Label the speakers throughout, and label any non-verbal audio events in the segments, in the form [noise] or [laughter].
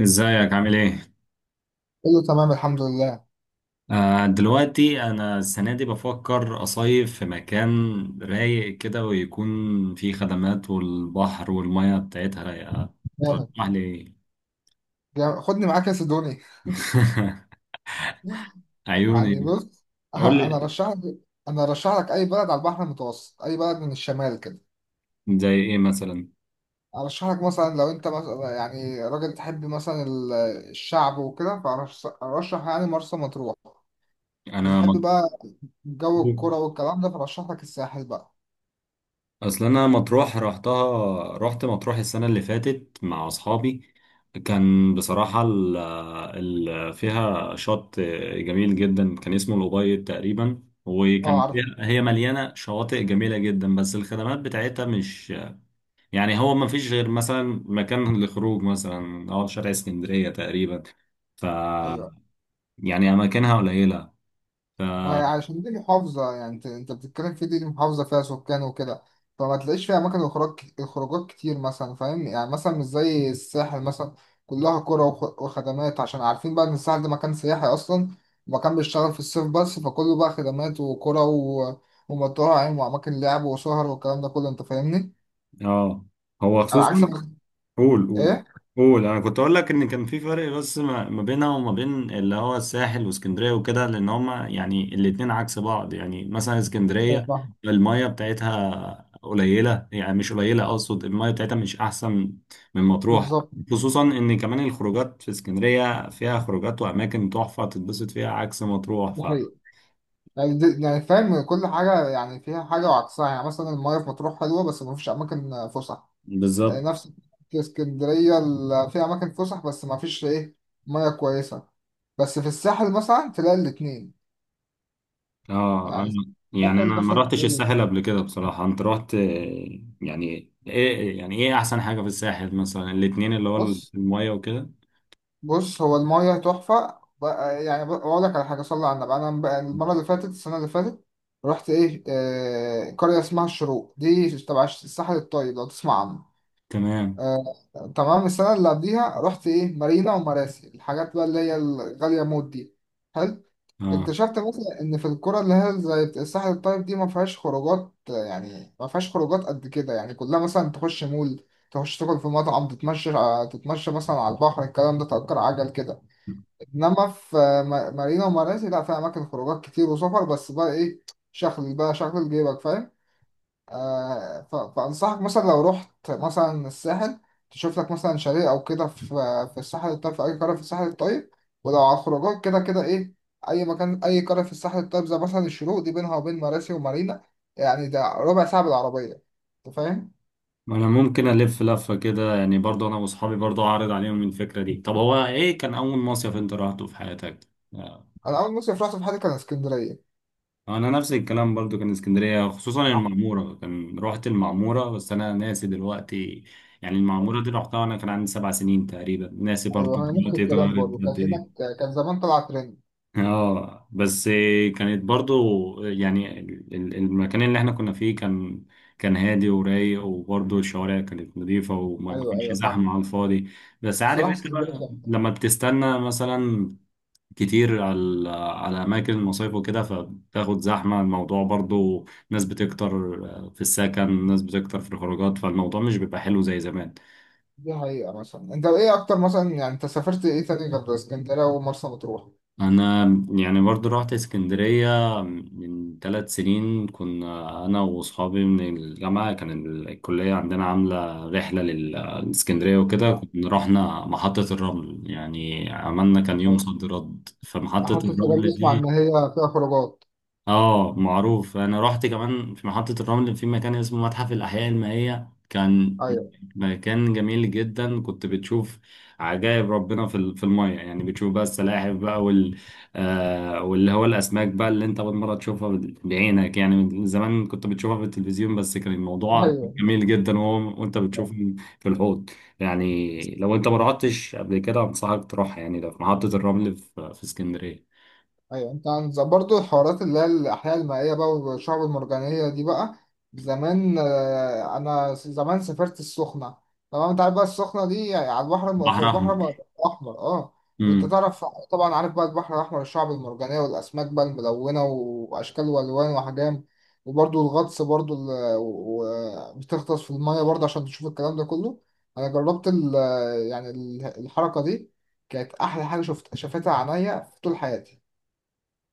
Speaker 1: ازيك عامل ايه؟
Speaker 2: كله تمام الحمد لله.
Speaker 1: دلوقتي انا السنه دي بفكر اصيف في مكان رايق كده، ويكون فيه خدمات والبحر والميه بتاعتها رايقه.
Speaker 2: جامد.
Speaker 1: تسمح لي ايه؟
Speaker 2: جامد، خدني معاك يا سيدوني.
Speaker 1: [laughs]
Speaker 2: يعني
Speaker 1: عيوني.
Speaker 2: بص. [laughs]
Speaker 1: قول
Speaker 2: انا
Speaker 1: لي.
Speaker 2: رشح لك انا رشح لك اي بلد على البحر المتوسط، اي بلد من الشمال كده.
Speaker 1: زي ايه مثلا؟
Speaker 2: ارشح لك مثلا لو انت مثلا يعني راجل تحب مثلا الشعب وكده، فارشح يعني مرسى مطروح.
Speaker 1: انا
Speaker 2: بتحب بقى جو
Speaker 1: مضغوط.
Speaker 2: الكرة والكلام ده فرشح لك الساحل بقى.
Speaker 1: اصل انا مطروح رحتها، رحت مطروح السنه اللي فاتت مع اصحابي. كان بصراحه ال ال فيها شط جميل جدا، كان اسمه الأبيض تقريبا،
Speaker 2: اه
Speaker 1: وكان
Speaker 2: عارف.
Speaker 1: فيها، هي مليانه شواطئ جميله جدا، بس الخدمات بتاعتها مش هو ما فيش غير مثلا مكان للخروج مثلا، او شارع اسكندريه تقريبا. ف
Speaker 2: ايوه،
Speaker 1: اماكنها قليله. ف
Speaker 2: ما هي عشان دي محافظة، يعني انت بتتكلم في دي، محافظة فيها سكان وكده، فما تلاقيش فيها أماكن خروج خروجات كتير مثلا، فاهم؟ يعني مثلا مش زي الساحل مثلا، كلها قرى وخدمات عشان عارفين بقى إن الساحل ده مكان سياحي أصلا، مكان بيشتغل في الصيف بس، فكله بقى خدمات وقرى ومطاعم وأماكن لعب وسهر والكلام ده كله. أنت فاهمني؟
Speaker 1: اه. هو
Speaker 2: على
Speaker 1: خصوصا،
Speaker 2: عكس
Speaker 1: قول.
Speaker 2: إيه؟
Speaker 1: قول انا كنت اقول لك ان كان في فرق بس ما بينها وما بين اللي هو الساحل واسكندريه وكده، لان هما الاتنين عكس بعض. يعني مثلا
Speaker 2: أيوة
Speaker 1: اسكندريه
Speaker 2: فاهم.
Speaker 1: الميه بتاعتها قليله، يعني مش قليله، اقصد الميه بتاعتها مش احسن من مطروح.
Speaker 2: بالظبط.
Speaker 1: خصوصا ان كمان الخروجات في اسكندريه فيها خروجات واماكن تحفه تتبسط فيها عكس مطروح.
Speaker 2: دي حقيقة، دي يعني فاهم كل حاجة، يعني فيها حاجة وعكسها، يعني مثلا المياه في مطروح حلوة بس مفيش أماكن فسح، يعني
Speaker 1: بالظبط.
Speaker 2: نفس اسكندرية في أماكن فسح بس ما فيش إيه، مياه كويسة، بس في الساحل مثلا تلاقي الاتنين.
Speaker 1: اه
Speaker 2: يعني
Speaker 1: انا
Speaker 2: الساحل
Speaker 1: انا ما
Speaker 2: مثلا
Speaker 1: رحتش
Speaker 2: تلاقي
Speaker 1: الساحل
Speaker 2: الاتنين
Speaker 1: قبل كده بصراحة، انت رحت، يعني ايه، يعني ايه احسن حاجة في الساحل مثلا، الاتنين اللي هو
Speaker 2: بص.
Speaker 1: المية وكده.
Speaker 2: بص، هو المياه تحفة. أقول لك على حاجة، صلى على النبي، أنا بقى المرة اللي فاتت، السنة اللي فاتت رحت إيه آه قرية اسمها الشروق، دي تبع الساحل الطيب، لو تسمع عنه.
Speaker 1: تمام.
Speaker 2: آه تمام. السنة اللي قبليها رحت إيه مارينا ومراسي، الحاجات بقى اللي هي الغالية موت دي. حلو.
Speaker 1: اه
Speaker 2: اكتشفت مثلا ان في الكرة اللي هي زي الساحل الطيب دي ما فيهاش خروجات، يعني ما فيهاش خروجات قد كده، يعني كلها مثلا تخش مول، تخش تاكل في مطعم، تتمشى آه، تتمشى مثلا على البحر، الكلام ده تأجر عجل كده. انما في مارينا ومراسي، لا فيها اماكن خروجات كتير وسفر، بس بقى ايه، شغل بقى، شغل جيبك فاهم. آه، فأنصحك مثلا لو رحت مثلا الساحل، تشوف لك مثلا شاليه أو كده في في الساحل الطيب، في أي قرية في الساحل الطيب، ولو على الخروجات كده كده إيه، أي مكان أي قرية في الساحل الطيب، زي مثلا الشروق دي، بينها وبين مراسي ومارينا يعني ده ربع ساعة بالعربية. أنت فاهم؟
Speaker 1: انا ممكن الف لفة كده، يعني برضه انا واصحابي برضه اعرض عليهم الفكرة دي. طب هو ايه كان اول مصيف انت رحته في حياتك؟ آه.
Speaker 2: أنا أول مصيف رحت في حياتي كان اسكندرية.
Speaker 1: انا نفس الكلام برضه، كان اسكندرية، خصوصا المعمورة، كان رحت المعمورة بس انا ناسي دلوقتي. يعني المعمورة دي رحتها وانا كان عندي 7 سنين تقريبا، ناسي برضه
Speaker 2: أيوه، هي نفس
Speaker 1: دلوقتي
Speaker 2: الكلام
Speaker 1: اتغيرت
Speaker 2: برضه، كان
Speaker 1: قد
Speaker 2: هناك
Speaker 1: ايه.
Speaker 2: كان زمان طلع ترند.
Speaker 1: اه بس كانت برضو المكان اللي احنا كنا فيه كان، كان هادي ورايق، وبرضو الشوارع كانت نظيفة، وما ما
Speaker 2: أيوه
Speaker 1: كانش
Speaker 2: أيوه
Speaker 1: زحمة
Speaker 2: فاهم.
Speaker 1: على الفاضي. بس عارف
Speaker 2: الصراحة
Speaker 1: انت
Speaker 2: اسكندرية
Speaker 1: بقى
Speaker 2: تحفة.
Speaker 1: لما بتستنى مثلا كتير على اماكن المصايف وكده، فبتاخد زحمة الموضوع، برضو ناس بتكتر في السكن، ناس بتكتر في الخروجات، فالموضوع مش بيبقى حلو زي زمان.
Speaker 2: دي حقيقة. مثلا أنت إيه أكتر، مثلا يعني أنت سافرت إيه تاني غير اسكندرية ومرسى مطروح؟
Speaker 1: انا يعني برضو رحت اسكندرية من 3 سنين، كنا انا واصحابي من الجامعة، كان الكلية عندنا عاملة رحلة لاسكندرية وكده، كنا رحنا محطة الرمل. يعني عملنا كان يوم صد رد. فمحطة
Speaker 2: محطة الرمل،
Speaker 1: الرمل
Speaker 2: اسمع إن
Speaker 1: دي
Speaker 2: هي فيها خروجات.
Speaker 1: اه معروف. انا رحت كمان في محطة الرمل في مكان اسمه متحف الأحياء المائية، كان
Speaker 2: أيوه
Speaker 1: مكان جميل جدا. كنت بتشوف عجائب ربنا في المية، يعني بتشوف بقى السلاحف بقى آه واللي هو الأسماك بقى، اللي أنت أول مرة تشوفها بعينك، يعني من زمان كنت بتشوفها في التلفزيون بس. كان الموضوع
Speaker 2: أيوه.
Speaker 1: جميل جدا، وهو وأنت بتشوف في الحوض. يعني لو أنت ما رحتش قبل كده أنصحك تروح، يعني ده في محطة الرمل في في اسكندرية.
Speaker 2: ايوه، انت عن برضه الحوارات اللي هي الاحياء المائيه بقى والشعب المرجانيه دي بقى. زمان آه، انا زمان سافرت السخنه. تمام، انت عارف بقى السخنه دي، يعني على البحر
Speaker 1: بحر أحمر.
Speaker 2: الاحمر. اه وانت تعرف طبعا، عارف بقى البحر الاحمر، الشعب المرجانيه والاسماك بقى الملونه واشكال والوان واحجام، وبرضه الغطس برضه بتغطس في الميه برضه عشان تشوف الكلام ده كله. انا جربت يعني الحركه دي، كانت احلى حاجه شفت شافتها عينيا في طول حياتي.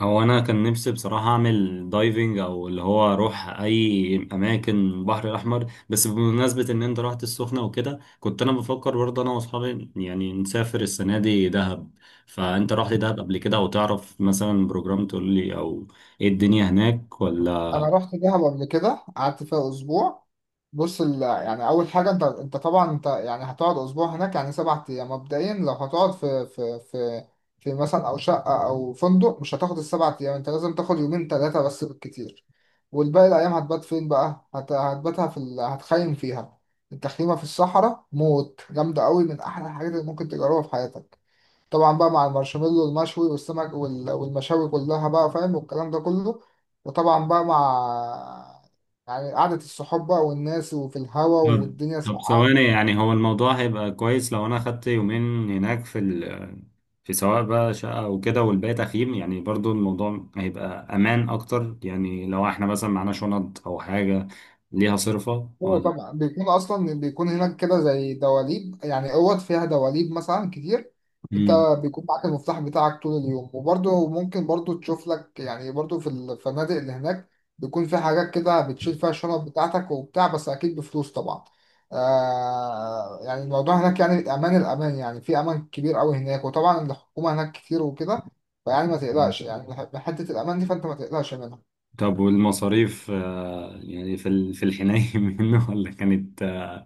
Speaker 1: هو انا كان نفسي بصراحه اعمل دايفنج، او اللي هو اروح اي اماكن البحر الاحمر، بس بمناسبه ان انت رحت السخنه وكده، كنت انا بفكر برضه انا واصحابي يعني نسافر السنه دي دهب. فانت رحت دهب قبل كده؟ او تعرف مثلا بروجرام تقول لي، او ايه الدنيا هناك ولا؟
Speaker 2: انا رحت دهب قبل كده، قعدت فيها اسبوع. بص يعني اول حاجه، انت طبعا انت يعني هتقعد اسبوع هناك، يعني سبعة ايام مبدئيا، لو هتقعد في في مثلا او شقه او فندق، مش هتاخد السبعة ايام، انت لازم تاخد يومين ثلاثه بس بالكتير، والباقي الايام هتبات فين بقى، هتباتها هتخيم فيها. التخييمه في الصحراء موت جامده قوي، من احلى الحاجات اللي ممكن تجربها في حياتك. طبعا بقى مع المارشميلو والمشوي والسمك والمشاوي كلها بقى، فاهم، والكلام ده كله. وطبعا بقى مع يعني قعدة الصحاب بقى والناس وفي الهوا والدنيا
Speaker 1: طب
Speaker 2: ساقعة.
Speaker 1: ثواني، يعني هو الموضوع هيبقى كويس لو انا اخدت يومين هناك في سواء بقى شقة وكده، والباقي تخييم؟ يعني برضو الموضوع هيبقى امان اكتر، يعني لو احنا مثلا معانا شنط او حاجة ليها صرفة
Speaker 2: هو
Speaker 1: ولا؟
Speaker 2: طبعا بيكون اصلا، بيكون هناك كده زي دواليب، يعني اوض فيها دواليب مثلا كتير. انت
Speaker 1: مم.
Speaker 2: بيكون معاك المفتاح بتاعك طول اليوم، وبرضه ممكن برضه تشوف لك، يعني برضه في الفنادق اللي هناك بيكون في حاجات كده بتشيل فيها الشنط بتاعتك وبتاع، بس اكيد بفلوس طبعا. آه، يعني الموضوع هناك يعني امان، الامان يعني في امان كبير قوي هناك، وطبعا الحكومة هناك كتير وكده، فيعني ما
Speaker 1: مم.
Speaker 2: تقلقش يعني من حتة الامان دي، فانت ما تقلقش منها.
Speaker 1: طب والمصاريف، يعني في الحناية [laughs] منه، ولا كانت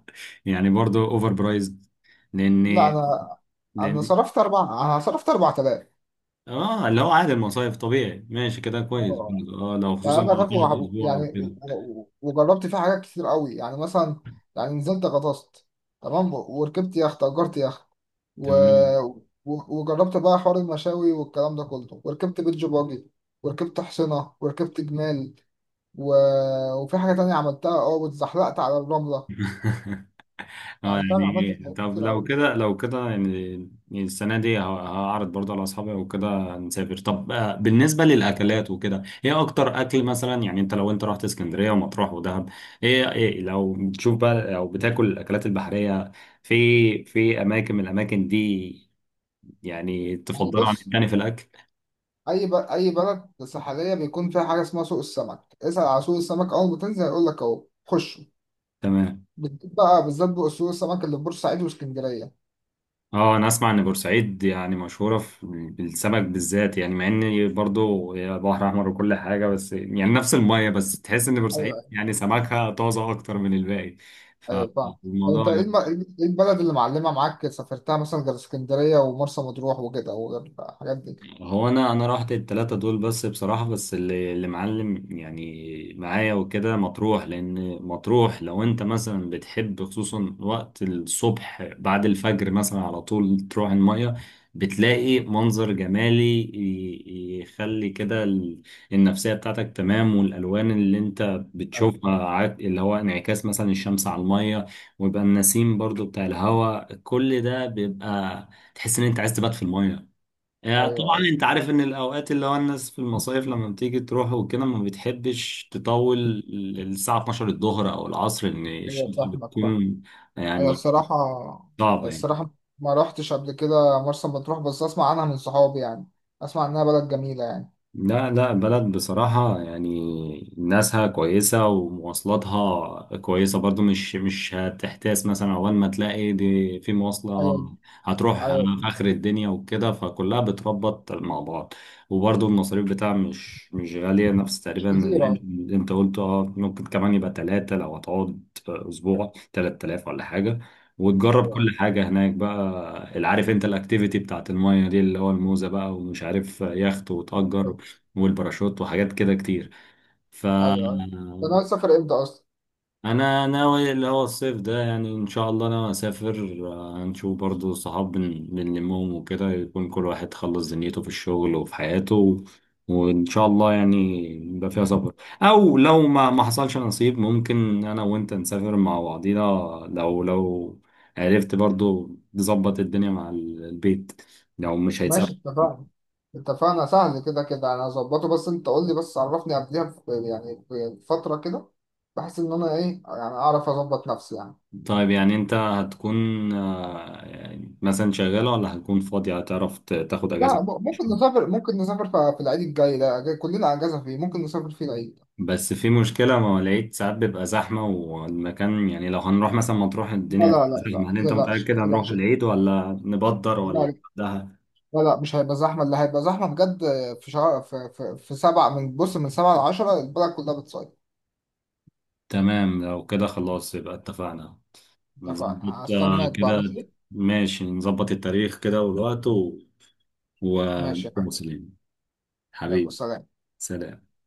Speaker 1: يعني برضو اوفر برايزد؟ لان
Speaker 2: لا. انا انا
Speaker 1: لان
Speaker 2: صرفت اربع انا صرفت 4000.
Speaker 1: اه، اللي هو عادي، المصايف طبيعي، ماشي كده كويس
Speaker 2: اه.
Speaker 1: برضو. اه لو
Speaker 2: يعني
Speaker 1: خصوصا
Speaker 2: انا
Speaker 1: لو
Speaker 2: فاكره
Speaker 1: تقعد اسبوع او
Speaker 2: يعني
Speaker 1: كده.
Speaker 2: وجربت فيه حاجات كتير قوي، يعني مثلا يعني نزلت غطست، تمام، وركبت يخت، اجرت يخت و...
Speaker 1: تمام.
Speaker 2: وجربت بقى حوار المشاوي والكلام ده كله، وركبت بيتش باجي وركبت حصينة وركبت جمال و... وفي حاجة تانية عملتها اه، واتزحلقت على الرملة.
Speaker 1: [laughs] اه
Speaker 2: يعني فاهم،
Speaker 1: يعني،
Speaker 2: عملت حاجات
Speaker 1: طب
Speaker 2: كتير
Speaker 1: لو
Speaker 2: قوي.
Speaker 1: كده، يعني، يعني السنة دي هعرض برضه على أصحابي وكده نسافر. طب بالنسبة للأكلات وكده، إيه أكتر أكل مثلا؟ يعني أنت لو أنت رحت اسكندرية ومطروح ودهب، إيه، لو بتشوف بقى أو بتاكل الأكلات البحرية في أماكن من الأماكن دي، يعني
Speaker 2: يعني
Speaker 1: تفضلها عن
Speaker 2: بص،
Speaker 1: التاني في الأكل؟
Speaker 2: أي بلد ساحلية بيكون فيها حاجة اسمها سوق السمك، اسأل على سوق السمك أول ما تنزل هيقول لك أهو خش.
Speaker 1: تمام.
Speaker 2: بتجيب بقى بالذات بأصول السمك اللي في بورسعيد واسكندرية.
Speaker 1: اه انا اسمع ان بورسعيد يعني مشهوره في، بالسمك بالذات، يعني مع ان برضو هي بحر احمر وكل حاجه، بس يعني نفس الميه، بس تحس ان بورسعيد
Speaker 2: ايوه
Speaker 1: يعني سمكها طازه اكتر من الباقي.
Speaker 2: ايوه فاهم. طب انت
Speaker 1: فالموضوع،
Speaker 2: ايه إيه البلد اللي معلمة معاك سافرتها مثلا غير اسكندرية ومرسى مطروح وكده وغير الحاجات دي.
Speaker 1: هو انا رحت التلاتة دول بس بصراحة، بس اللي معلم يعني معايا وكده مطروح، لان مطروح لو انت مثلا بتحب خصوصا وقت الصبح بعد الفجر مثلا، على طول تروح المية، بتلاقي منظر جمالي يخلي كده النفسية بتاعتك تمام. والالوان اللي انت
Speaker 2: ايوه
Speaker 1: بتشوفها، اللي هو انعكاس مثلا الشمس على المية، ويبقى النسيم برضو بتاع الهواء، كل ده بيبقى تحس ان انت عايز تبات في المية. يعني
Speaker 2: ايوه
Speaker 1: طبعا انت عارف ان الاوقات اللي هو الناس في المصايف، لما بتيجي تروح وكده ما بتحبش تطول، الساعة 12 الظهر او العصر، ان
Speaker 2: ايوه
Speaker 1: الشمس
Speaker 2: فاهمك فاهم.
Speaker 1: بتكون
Speaker 2: انا
Speaker 1: يعني
Speaker 2: الصراحة،
Speaker 1: صعبة يعني.
Speaker 2: الصراحة ما رحتش قبل كده مرسى مطروح، بس اسمع عنها من صحابي يعني، اسمع انها بلد جميلة يعني.
Speaker 1: لا لا، بلد بصراحة يعني ناسها كويسة ومواصلاتها كويسة برضو، مش هتحتاس. مثلا أول ما تلاقي دي في مواصلة
Speaker 2: ايوه
Speaker 1: هتروح في
Speaker 2: ايوه.
Speaker 1: آخر الدنيا وكده، فكلها بتربط مع بعض. وبرضو المصاريف بتاعها مش غالية، نفس
Speaker 2: مش
Speaker 1: تقريبا
Speaker 2: كتير
Speaker 1: الرينج
Speaker 2: ايوه.
Speaker 1: اللي أنت قلته. اه ممكن كمان يبقى تلاتة، لو هتقعد أسبوع 3 آلاف ولا حاجة، وتجرب
Speaker 2: ايوه
Speaker 1: كل حاجة هناك بقى، اللي عارف انت الاكتيفيتي بتاعت المايه دي، اللي هو الموزة بقى، ومش عارف يخت وتأجر،
Speaker 2: ايوه
Speaker 1: والباراشوت وحاجات كده كتير. ف
Speaker 2: أيوة. انت ناوي تسافر امتى اصلا؟
Speaker 1: انا ناوي اللي هو الصيف ده، يعني ان شاء الله انا اسافر. هنشوف برضو صحاب، بنلمهم وكده، يكون كل واحد خلص دنيته في الشغل وفي حياته و... وان شاء الله يعني يبقى فيها سفر. او لو ما حصلش نصيب، ممكن انا وانت نسافر مع بعضينا، لو عرفت برضو تظبط الدنيا مع البيت، لو مش هيتسافر.
Speaker 2: ماشي اتفقنا. اتفقنا، سهل، كده كده انا هظبطه، بس انت قول لي، بس عرفني قبلها يعني بفترة كده، بحيث ان انا ايه يعني اعرف اظبط نفسي يعني.
Speaker 1: طيب يعني انت هتكون يعني مثلا شغالة ولا هتكون فاضية، هتعرف تاخد
Speaker 2: لا،
Speaker 1: اجازة؟
Speaker 2: ممكن نسافر، ممكن نسافر في العيد الجاي ده، كلنا اجازة فيه، ممكن نسافر فيه العيد.
Speaker 1: بس في مشكلة، ما لقيت ساعات بيبقى زحمة والمكان، يعني لو هنروح مثلا مطروح
Speaker 2: لا
Speaker 1: الدنيا
Speaker 2: لا
Speaker 1: هتبقى
Speaker 2: لا لا،
Speaker 1: زحمة، هل
Speaker 2: ما
Speaker 1: انت
Speaker 2: تقلقش
Speaker 1: متأكد
Speaker 2: ما
Speaker 1: هنروح
Speaker 2: تقلقش.
Speaker 1: العيد ولا نبدر ولا؟
Speaker 2: لا.
Speaker 1: ده
Speaker 2: لا لا، مش هيبقى زحمة، اللي هيبقى زحمة بجد في شهر في سبعة، من بص، من سبعة لعشرة البلد كلها بتصيف.
Speaker 1: تمام، لو كده خلاص يبقى اتفقنا.
Speaker 2: اتفقنا،
Speaker 1: نظبط
Speaker 2: هستناك بقى
Speaker 1: كده،
Speaker 2: ماشي.
Speaker 1: ماشي، نظبط التاريخ كده والوقت و...
Speaker 2: ماشي يا
Speaker 1: ونكون
Speaker 2: حبيبي.
Speaker 1: مسلمين.
Speaker 2: يلا
Speaker 1: حبيبي،
Speaker 2: سلام.
Speaker 1: سلام.